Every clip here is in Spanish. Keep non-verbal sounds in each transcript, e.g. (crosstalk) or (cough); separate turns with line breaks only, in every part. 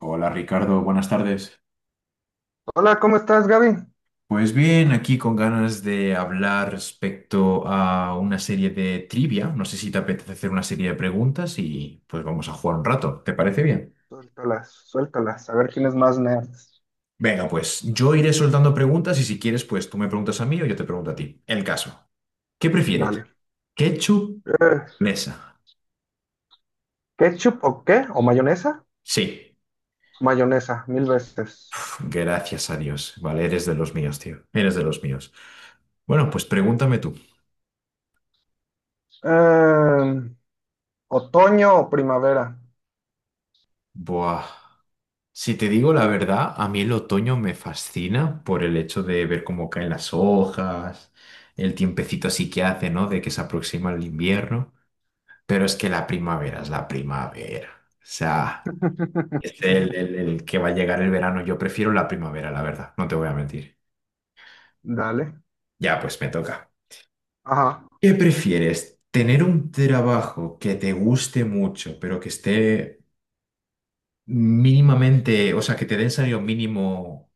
Hola Ricardo, buenas tardes.
Hola, ¿cómo estás, Gaby?
Pues bien, aquí con ganas de hablar respecto a una serie de trivia. No sé si te apetece hacer una serie de preguntas y pues vamos a jugar un rato. ¿Te parece bien?
Suéltalas, suéltalas, a ver quién es más nerd.
Venga, pues yo iré soltando preguntas y si quieres, pues tú me preguntas a mí o yo te pregunto a ti. El caso. ¿Qué prefieres?
Dale.
¿Ketchup?
Eh,
¿Mesa?
¿Ketchup o qué? ¿O mayonesa?
Sí.
Mayonesa, mil veces.
Gracias a Dios. Vale, eres de los míos, tío. Eres de los míos. Bueno, pues pregúntame tú.
Eh, ¿Otoño o primavera?
Buah. Si te digo la verdad, a mí el otoño me fascina por el hecho de ver cómo caen las hojas, el tiempecito así que hace, ¿no? De que se aproxima el invierno. Pero es que la primavera es la primavera. O sea, es el, el-
(laughs)
el que va a llegar el verano. Yo prefiero la primavera, la verdad, no te voy a mentir.
Dale.
Ya, pues me toca.
Ajá.
¿Qué prefieres? ¿Tener un trabajo que te guste mucho, pero que esté mínimamente, o sea, que te den salario mínimo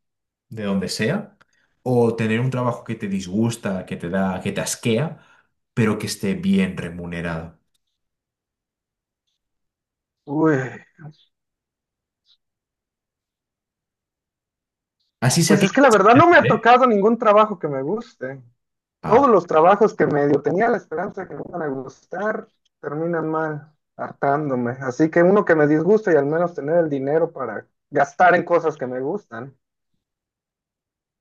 de donde sea, o tener un trabajo que te disgusta, que te da, que te asquea, pero que esté bien remunerado.
Uy,
Así sea
pues
que...
es que la verdad no me ha
¿Eh?
tocado ningún trabajo que me guste.
Ah,
Todos los trabajos que medio tenía la esperanza de que me iban a gustar terminan mal, hartándome. Así que uno que me disgusta y al menos tener el dinero para gastar en cosas que me gustan.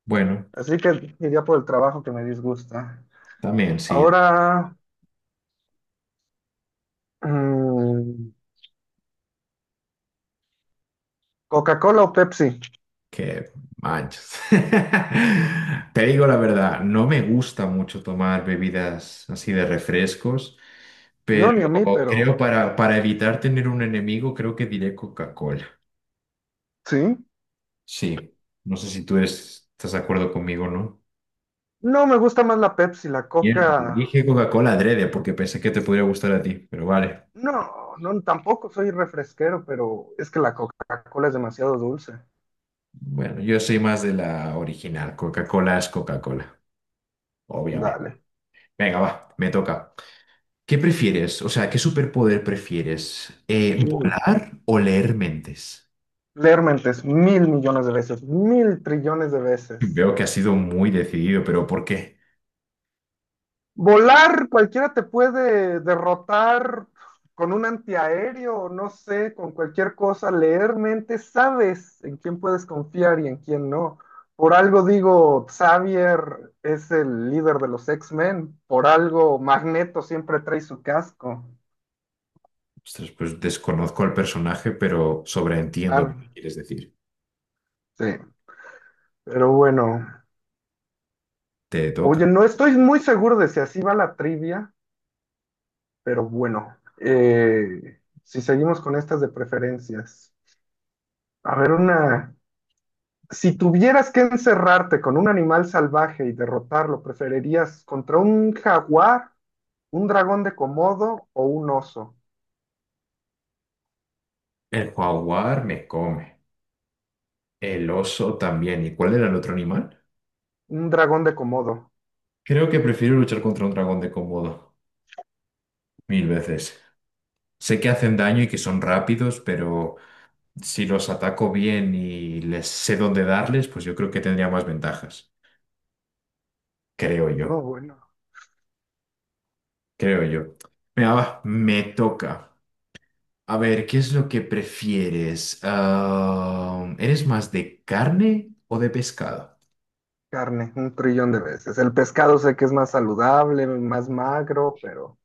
bueno,
Así que iría por el trabajo que me disgusta.
también sí,
Ahora, mm, ¿Coca-Cola o Pepsi?
que manches. (laughs) Te digo la verdad, no me gusta mucho tomar bebidas así de refrescos,
No,
pero
ni a mí, pero
creo para evitar tener un enemigo, creo que diré Coca-Cola.
sí.
Sí, no sé si tú estás de acuerdo conmigo, ¿no?
No, me gusta más la Pepsi, la Coca.
Dije Coca-Cola adrede porque pensé que te podría gustar a ti, pero vale.
No, no, tampoco soy refresquero, pero es que la Coca-Cola es demasiado dulce.
Bueno, yo soy más de la original. Coca-Cola es Coca-Cola,
Dale.
obviamente. Venga, va, me toca. ¿Qué prefieres? O sea, ¿qué superpoder prefieres?
Mm.
¿Volar o leer mentes?
Leer mentes, mil millones de veces, mil trillones de
(laughs)
veces.
Veo que has sido muy decidido, pero ¿por qué?
Volar, cualquiera te puede derrotar con un antiaéreo, no sé, con cualquier cosa, leer mente, sabes en quién puedes confiar y en quién no. Por algo digo, Xavier es el líder de los X-Men, por algo Magneto siempre trae su casco.
Ostras, pues desconozco al personaje, pero sobreentiendo
Ah,
lo que quieres decir.
sí, pero bueno.
Te toca.
Oye, no estoy muy seguro de si así va la trivia, pero bueno, si seguimos con estas de preferencias. A ver, una. Si tuvieras que encerrarte con un animal salvaje y derrotarlo, ¿preferirías contra un jaguar, un dragón de Komodo o un oso?
El jaguar me come. El oso también. ¿Y cuál era el otro animal?
Un dragón de Komodo.
Creo que prefiero luchar contra un dragón de Komodo. Mil veces. Sé que hacen daño y que son rápidos, pero si los ataco bien y les sé dónde darles, pues yo creo que tendría más ventajas. Creo
No,
yo.
bueno,
Creo yo. Venga, va, me toca. A ver, ¿qué es lo que prefieres? ¿Eres más de carne o de pescado?
carne, un trillón de veces. El pescado sé que es más saludable, más magro, pero...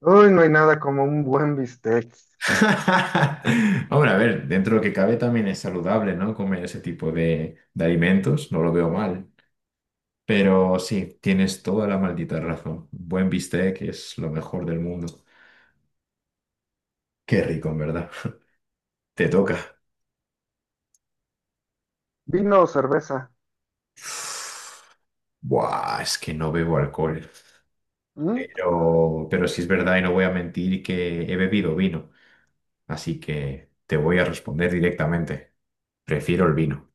Uy, no hay nada como un buen bistec.
(laughs) Hombre, a ver, dentro de lo que cabe también es saludable, ¿no? Comer ese tipo de alimentos, no lo veo mal. Pero sí, tienes toda la maldita razón. Buen bistec es lo mejor del mundo. Qué rico, en verdad. Te toca.
¿Vino o cerveza?
Buah, es que no bebo alcohol.
¿Mm?
Pero sí es verdad y no voy a mentir que he bebido vino. Así que te voy a responder directamente. Prefiero el vino.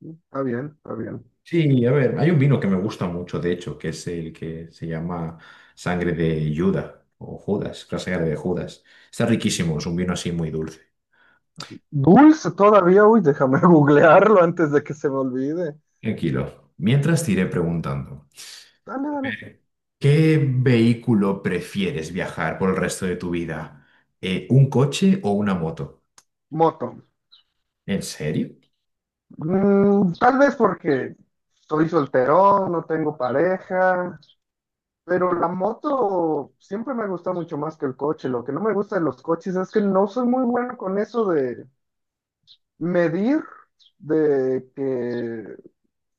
Está bien, está bien.
Sí, a ver, hay un vino que me gusta mucho, de hecho, que es el que se llama Sangre de Judas o Judas, la sangre de Judas. Está riquísimo, es un vino así muy dulce.
Dulce todavía, uy, déjame (laughs) googlearlo antes de que se me olvide.
Tranquilo. Mientras te iré preguntando,
Dale, dale.
eh, ¿qué vehículo prefieres viajar por el resto de tu vida? ¿Un coche o una moto?
Moto.
¿En serio?
Mm, tal vez porque soy solterón, no tengo pareja, pero la moto siempre me ha gustado mucho más que el coche. Lo que no me gusta de los coches es que no soy muy bueno con eso de medir, de que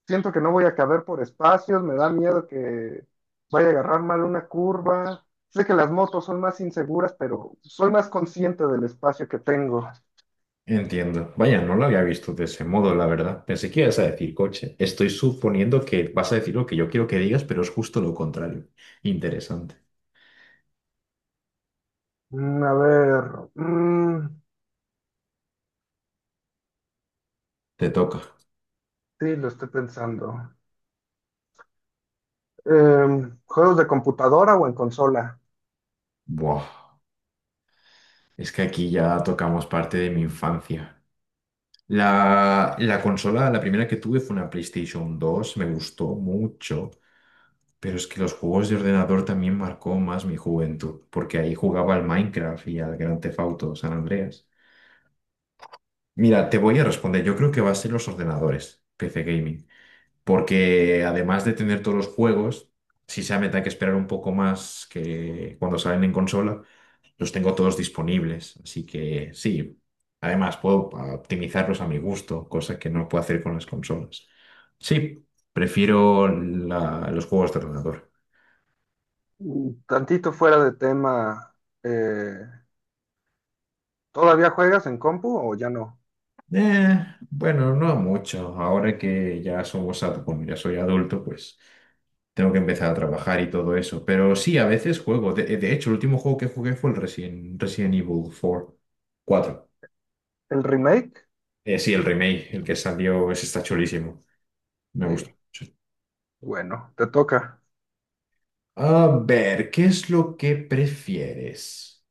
siento que no voy a caber por espacios, me da miedo que vaya a agarrar mal una curva. Sé que las motos son más inseguras, pero soy más consciente del espacio que tengo.
Entiendo. Vaya, no lo había visto de ese modo, la verdad. Pensé que ibas a decir coche. Estoy suponiendo que vas a decir lo que yo quiero que digas, pero es justo lo contrario. Interesante.
Mm, a ver, mm,
Te toca.
sí, lo estoy pensando. Eh, ¿juegos de computadora o en consola?
Buah, es que aquí ya tocamos parte de mi infancia. La consola, la primera que tuve fue una PlayStation dos me gustó mucho, pero es que los juegos de ordenador también marcó más mi juventud, porque ahí jugaba al Minecraft y al Grand Theft Auto San Andreas. Mira, te voy a responder, yo creo que va a ser los ordenadores, PC Gaming, porque además de tener todos los juegos, sí se me da que esperar un poco más que cuando salen en consola los tengo todos disponibles, así que sí. Además, puedo optimizarlos a mi gusto, cosa que no puedo hacer con las consolas. Sí, prefiero los juegos de ordenador.
Mm, tantito fuera de tema. eh, ¿Todavía juegas en compu o ya no?
Bueno, no mucho. Ahora que ya somos, bueno, ya soy adulto, pues tengo que empezar a trabajar y todo eso. Pero sí, a veces juego. De hecho, el último juego que jugué fue el Resident Evil 4. 4.
El remake.
Sí, el remake, el que salió, ese está chulísimo. Me
Sí,
gustó mucho.
bueno, te toca.
A ver, ¿qué es lo que prefieres?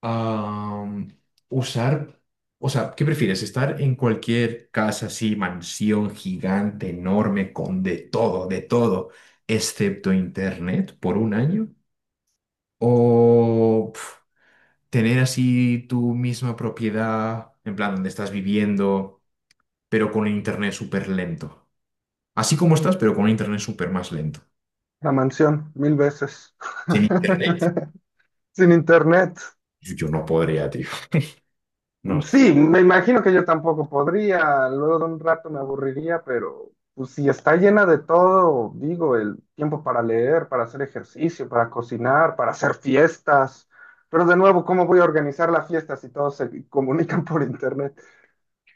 Am, usar, o sea, ¿qué prefieres? ¿Estar en cualquier casa así, mansión gigante, enorme, con de todo, excepto internet por un año? ¿O pf, tener así tu misma propiedad, en plan, donde estás viviendo, pero con internet súper lento? Así como estás, pero con internet súper más lento.
La mansión, mil veces.
Sin internet,
(laughs) Sin internet.
yo no podría, tío. (laughs) No
Sí,
sé.
me imagino que yo tampoco podría, luego de un rato me aburriría, pero pues, si está llena de todo, digo, el tiempo para leer, para hacer ejercicio, para cocinar, para hacer fiestas, pero de nuevo, ¿cómo voy a organizar la fiesta si todos se comunican por internet?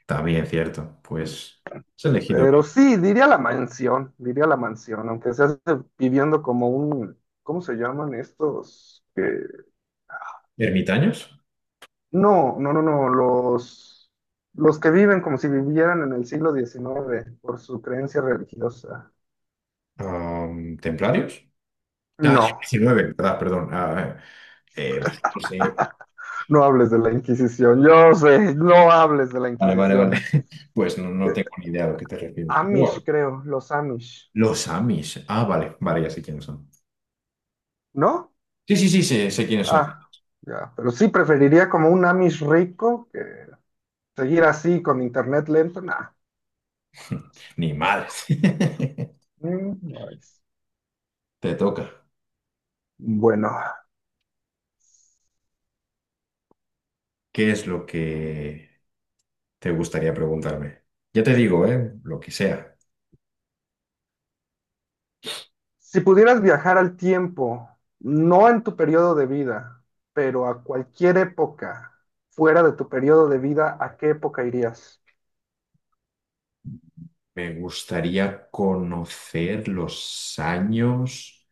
También cierto. Pues has elegido bien.
Pero sí, diría la mansión, aunque sea viviendo como un, ¿cómo se llaman estos?
Ermitaños.
No, no, no, no, los que viven como si vivieran en el siglo XIX por su creencia religiosa.
Templarios. Ah,
No,
19, ¿verdad? Perdón. Pues, no sé.
no hables de la Inquisición, yo sé, no hables de la
Vale, vale,
Inquisición.
vale. (laughs) Pues no, no tengo
Eh,
ni idea a lo que te refieres. Pero
Amish,
bueno,
creo, los Amish,
los Amish. Ah, vale, vale, ya sé quiénes son.
¿no?
Sí, sí, sí, sé, sé quiénes son.
Ah, ya, pero sí preferiría como un Amish rico que seguir así con internet lento, nah.
(laughs) Ni madres.
Mm, no es.
(laughs) Te toca.
Bueno,
¿Qué es lo que te gustaría preguntarme? Ya te digo, ¿eh? Lo que sea.
si pudieras viajar al tiempo, no en tu periodo de vida, pero a cualquier época fuera de tu periodo de vida, ¿a qué época irías?
Me gustaría conocer los años.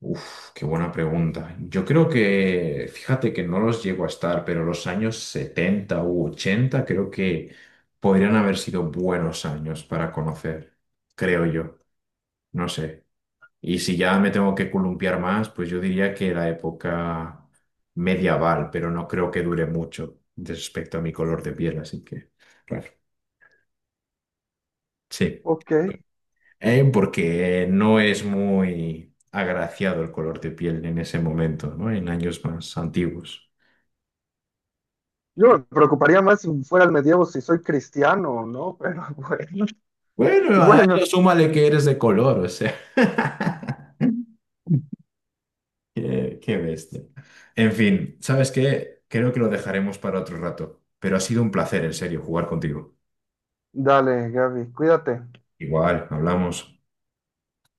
Uf, qué buena pregunta. Yo creo que, fíjate que no los llego a estar, pero los años 70 u 80 creo que podrían haber sido buenos años para conocer, creo yo, no sé. Y si ya me tengo que columpiar más, pues yo diría que la época medieval, pero no creo que dure mucho respecto a mi color de piel, así que, claro, sí.
Ok.
Porque no es muy agraciado el color de piel en ese momento, ¿no? En años más antiguos.
Yo me preocuparía más si fuera el medievo, si soy cristiano o no, pero (laughs) bueno.
Bueno, a eso
Bueno,
súmale que eres de color, o sea. (laughs) Qué, qué bestia. En fin, ¿sabes qué? Creo que lo dejaremos para otro rato, pero ha sido un placer, en serio, jugar contigo.
dale, Gaby, cuídate.
Igual, hablamos.